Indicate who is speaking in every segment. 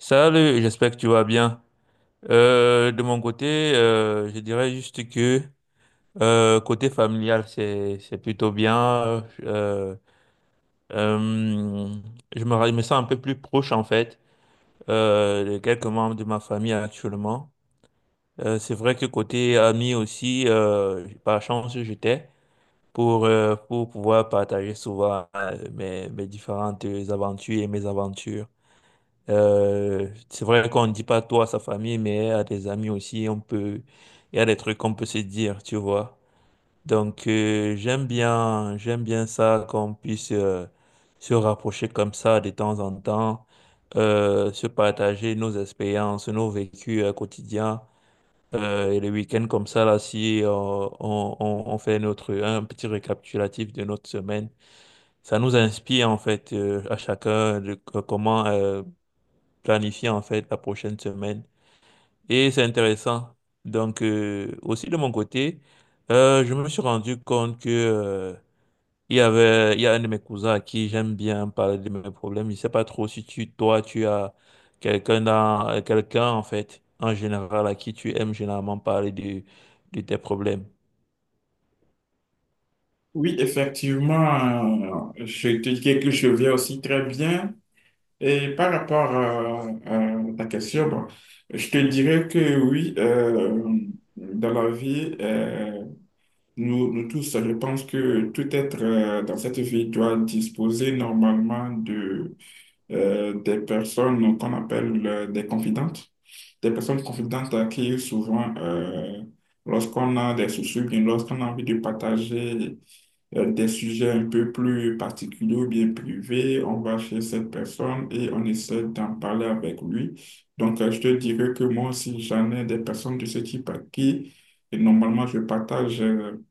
Speaker 1: Salut, j'espère que tu vas bien. De mon côté, je dirais juste que côté familial, c'est plutôt bien. Euh, euh, je me, je me sens un peu plus proche en fait de quelques membres de ma famille actuellement. C'est vrai que côté amis aussi, par chance, j'étais pour pouvoir partager souvent mes différentes aventures et mes aventures. C'est vrai qu'on ne dit pas toi à sa famille, mais à des amis aussi, on peut, il y a des trucs qu'on peut se dire, tu vois. Donc, j'aime bien ça, qu'on puisse se rapprocher comme ça de temps en temps, se partager nos expériences, nos vécus quotidiens. Et les week-ends comme ça, là, si on fait notre, un petit récapitulatif de notre semaine, ça nous inspire en fait à chacun de, planifier en fait la prochaine semaine. Et c'est intéressant. Donc, aussi de mon côté, je me suis rendu compte que il y a un de mes cousins à qui j'aime bien parler de mes problèmes. Je ne sais pas trop si tu toi tu as quelqu'un dans quelqu'un en fait en général à qui tu aimes généralement parler de tes problèmes.
Speaker 2: Oui, effectivement, je te dirais que je vais aussi très bien. Et par rapport à ta question, bon, je te dirais que oui, dans la vie, nous, nous tous, je pense que tout être dans cette vie doit disposer normalement de des personnes qu'on appelle des confidentes, des personnes confidentes à qui souvent, lorsqu'on a des soucis, ou bien lorsqu'on a envie de partager des sujets un peu plus particuliers ou bien privés, on va chez cette personne et on essaie d'en parler avec lui. Donc, je te dirais que moi aussi, j'en ai des personnes de ce type à qui, et normalement, je partage euh,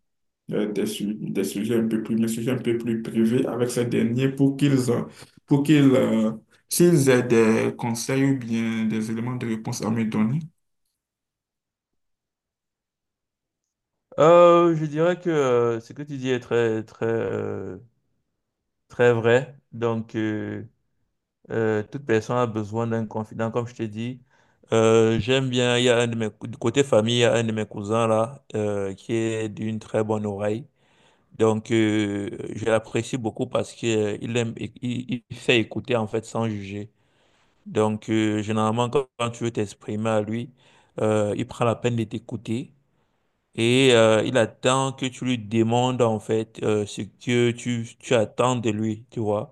Speaker 2: euh, des sujets un peu plus, mes sujets un peu plus privés avec ces derniers pour qu'ils, s'ils aient des conseils ou bien des éléments de réponse à me donner.
Speaker 1: Je dirais que ce que tu dis est très très très vrai. Donc, toute personne a besoin d'un confident, comme je t'ai dit. J'aime bien, il y a un de mes, du côté famille, il y a un de mes cousins là, qui est d'une très bonne oreille. Donc, je l'apprécie beaucoup parce qu'il il aime, il fait écouter en fait sans juger. Donc, généralement, quand tu veux t'exprimer à lui, il prend la peine de t'écouter et il attend que tu lui demandes en fait ce que tu attends de lui, tu vois.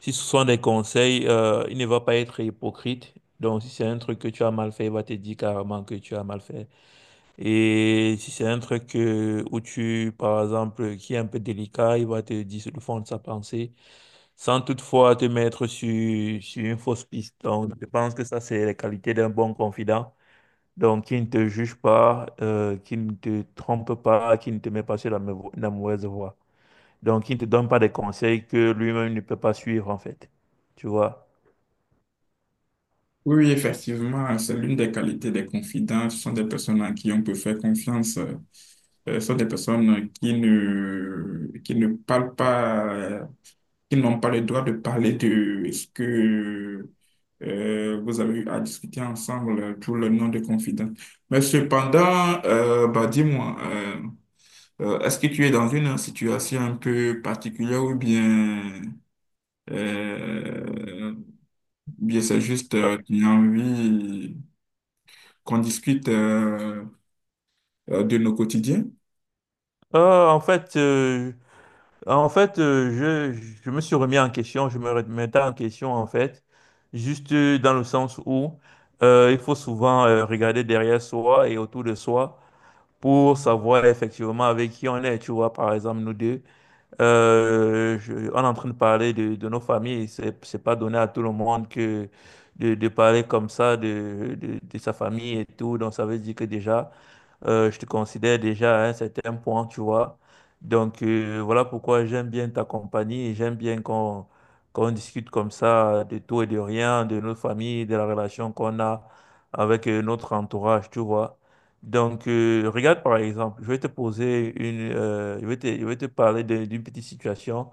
Speaker 1: Si ce sont des conseils, il ne va pas être hypocrite. Donc, si c'est un truc que tu as mal fait, il va te dire carrément que tu as mal fait. Et si c'est un truc que où tu, par exemple, qui est un peu délicat, il va te dire le fond de sa pensée, sans toutefois te mettre sur une fausse piste. Donc, je pense que ça, c'est les qualités d'un bon confident. Donc, qui ne te juge pas, qui ne te trompe pas, qui ne te met pas sur la mauvaise voie. Donc, qui ne te donne pas des conseils que lui-même ne peut pas suivre, en fait. Tu vois?
Speaker 2: Oui, oui, effectivement, c'est l'une des qualités des confidents. Ce sont des personnes à qui on peut faire confiance. Ce sont des personnes qui ne parlent pas, qui n'ont pas le droit de parler de ce que vous avez eu à discuter ensemble pour le nom de confident. Mais cependant, bah, dis-moi, est-ce que tu es dans une situation un peu particulière ou bien, euh, bien c'est juste
Speaker 1: Euh,
Speaker 2: tu as envie qu'on discute de nos quotidiens.
Speaker 1: En fait, en fait je me suis remis en question, je me remettais en question en fait, juste dans le sens où il faut souvent regarder derrière soi et autour de soi pour savoir effectivement avec qui on est. Tu vois, par exemple, nous deux, on est en train de parler de nos familles. C'est pas donné à tout le monde que de parler comme ça de sa famille et tout. Donc, ça veut dire que déjà... Je te considère déjà à un certain point, tu vois. Donc, voilà pourquoi j'aime bien ta compagnie et j'aime bien qu'on discute comme ça de tout et de rien, de nos familles, de la relation qu'on a avec notre entourage, tu vois. Donc, regarde par exemple, je vais te poser une, je vais te parler d'une petite situation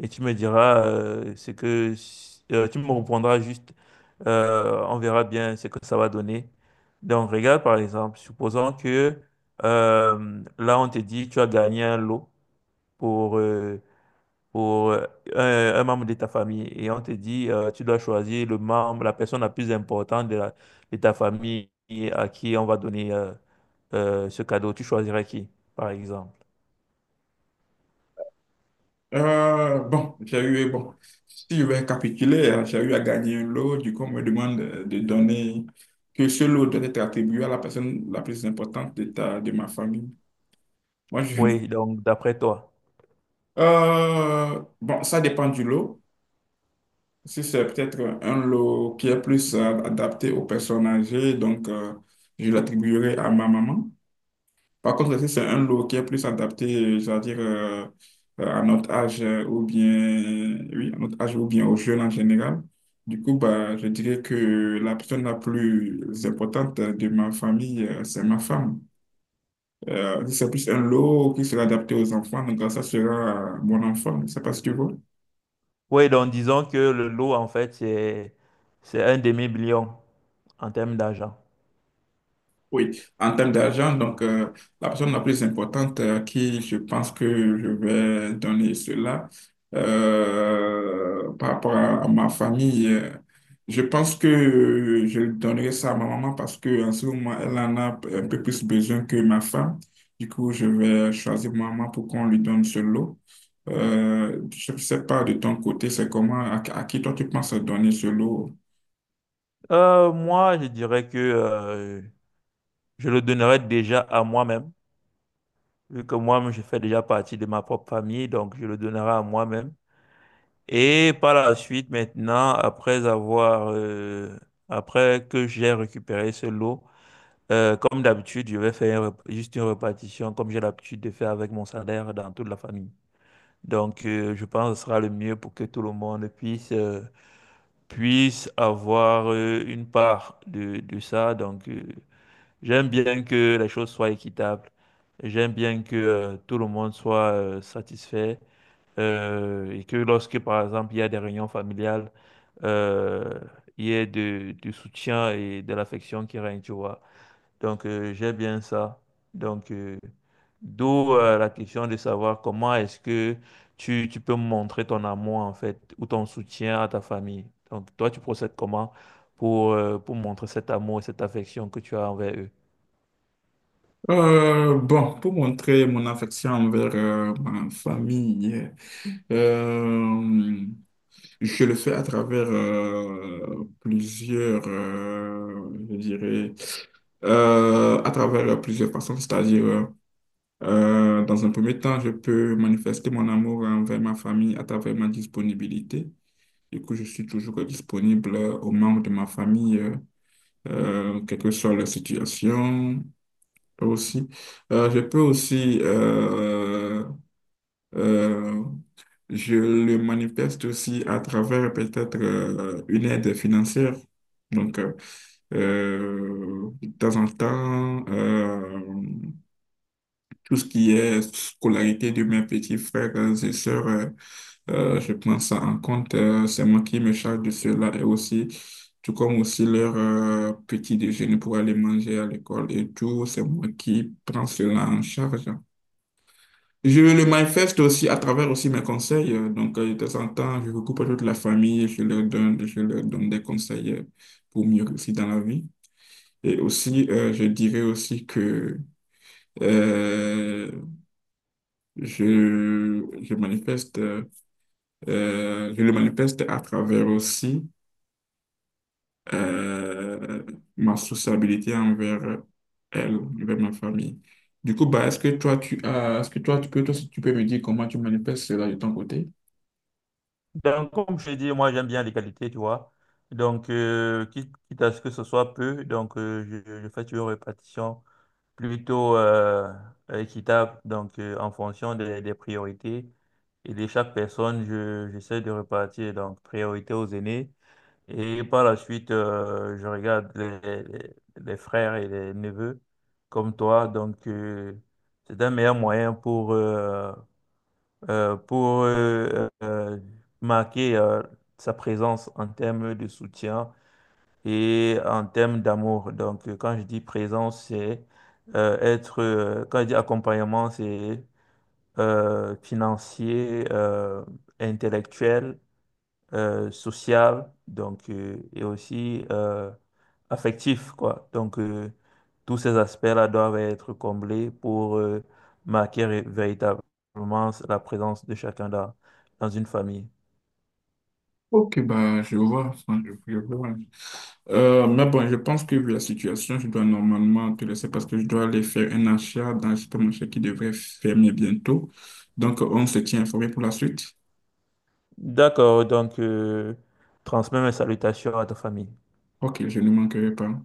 Speaker 1: et tu me diras ce que, tu me répondras juste, on verra bien ce que ça va donner. Donc, regarde par exemple, supposons que là, on te dit tu as gagné un lot pour, pour euh, un membre de ta famille et on te dit tu dois choisir le membre, la personne la plus importante de ta famille et à qui on va donner ce cadeau. Tu choisirais qui, par exemple?
Speaker 2: Bon, bon, si je vais récapituler, j'ai eu à gagner un lot, du coup, on me demande de donner, que ce lot doit être attribué à la personne la plus importante de de ma famille. Moi, je...
Speaker 1: Oui, donc d'après toi.
Speaker 2: Bon, ça dépend du lot. Si c'est peut-être un lot qui est plus adapté aux personnes âgées, donc je l'attribuerai à ma maman. Par contre, si c'est un lot qui est plus adapté, c'est-à-dire à notre âge ou bien, oui, à notre âge ou bien aux jeunes en général, du coup, bah, je dirais que la personne la plus importante de ma famille, c'est ma femme. Si c'est plus un lot qui sera adapté aux enfants, donc ça sera mon enfant. Je sais pas si tu vois.
Speaker 1: Oui, donc disons que le lot, en fait, c'est un demi-million en termes d'argent.
Speaker 2: Oui, en termes d'argent, donc la personne la plus importante à qui je pense que je vais donner cela par rapport à ma famille, je pense que je donnerai ça à ma maman parce qu'en ce moment, elle en a un peu plus besoin que ma femme. Du coup, je vais choisir ma maman pour qu'on lui donne ce lot. Je ne sais pas de ton côté, c'est comment, à qui toi tu penses donner ce lot?
Speaker 1: Moi, je dirais que je le donnerai déjà à moi-même, vu que moi-même, je fais déjà partie de ma propre famille, donc je le donnerai à moi-même. Et par la suite, maintenant, après que j'ai récupéré ce lot, comme d'habitude, je vais faire une juste une répartition, comme j'ai l'habitude de faire avec mon salaire dans toute la famille. Donc, je pense que ce sera le mieux pour que tout le monde puisse, puisse avoir une part de ça. Donc, j'aime bien que les choses soient équitables. J'aime bien que tout le monde soit satisfait et que lorsque, par exemple, il y a des réunions familiales, euh, il y ait du soutien et de l'affection qui règne, tu vois. Donc, j'aime bien ça. Donc, d'où la question de savoir comment est-ce que tu peux montrer ton amour, en fait, ou ton soutien à ta famille. Donc, toi, tu procèdes comment pour montrer cet amour et cette affection que tu as envers eux?
Speaker 2: Bon, pour montrer mon affection envers ma famille, euh, je le fais à travers plusieurs, je dirais, à travers plusieurs façons, c'est-à-dire, dans un premier temps, je peux manifester mon amour envers ma famille à travers ma disponibilité. Du coup, je suis toujours disponible aux membres de ma famille, quelle que soit la situation aussi. Je peux aussi, euh, je le manifeste aussi à travers peut-être une aide financière. Donc, de temps en temps, tout ce qui est scolarité de mes petits frères et sœurs, je prends ça en compte. C'est moi qui me charge de cela et aussi, tout comme aussi leur petit déjeuner pour aller manger à l'école et tout, c'est moi qui prends cela en charge. Je le manifeste aussi à travers aussi mes conseils. Donc, de temps en temps, je recoupe toute la famille et je leur donne des conseils pour mieux réussir dans la vie. Et aussi, je dirais aussi que euh, Je, je manifeste, je le manifeste à travers aussi euh, ma sociabilité envers elle, envers ma famille. Du coup, bah, est-ce que toi, tu as, est-ce que toi, tu peux, toi, si tu peux me dire comment tu manifestes cela de ton côté?
Speaker 1: Donc, comme je l'ai dit, moi, j'aime bien les qualités, tu vois. Donc, quitte à ce que ce soit peu, donc, je fais toujours une répartition plutôt équitable. Donc, en fonction des priorités et de chaque personne, j'essaie de répartir. Donc, priorité aux aînés. Et par la suite, je regarde les frères et les neveux comme toi. Donc, c'est un meilleur moyen pour, euh, pour euh, euh, marquer sa présence en termes de soutien et en termes d'amour. Donc, quand je dis présence, c'est être, quand je dis accompagnement, c'est financier, intellectuel social donc et aussi affectif quoi donc tous ces aspects-là doivent être comblés pour marquer véritablement la présence de chacun dans, une famille.
Speaker 2: Ok, bah, je vois, enfin, je vois. Mais bon, je pense que vu la situation, je dois normalement te laisser parce que je dois aller faire un achat dans le supermarché qui devrait fermer bientôt. Donc, on se tient informé pour la suite.
Speaker 1: D'accord, donc transmets mes salutations à ta famille.
Speaker 2: Ok, je ne manquerai pas.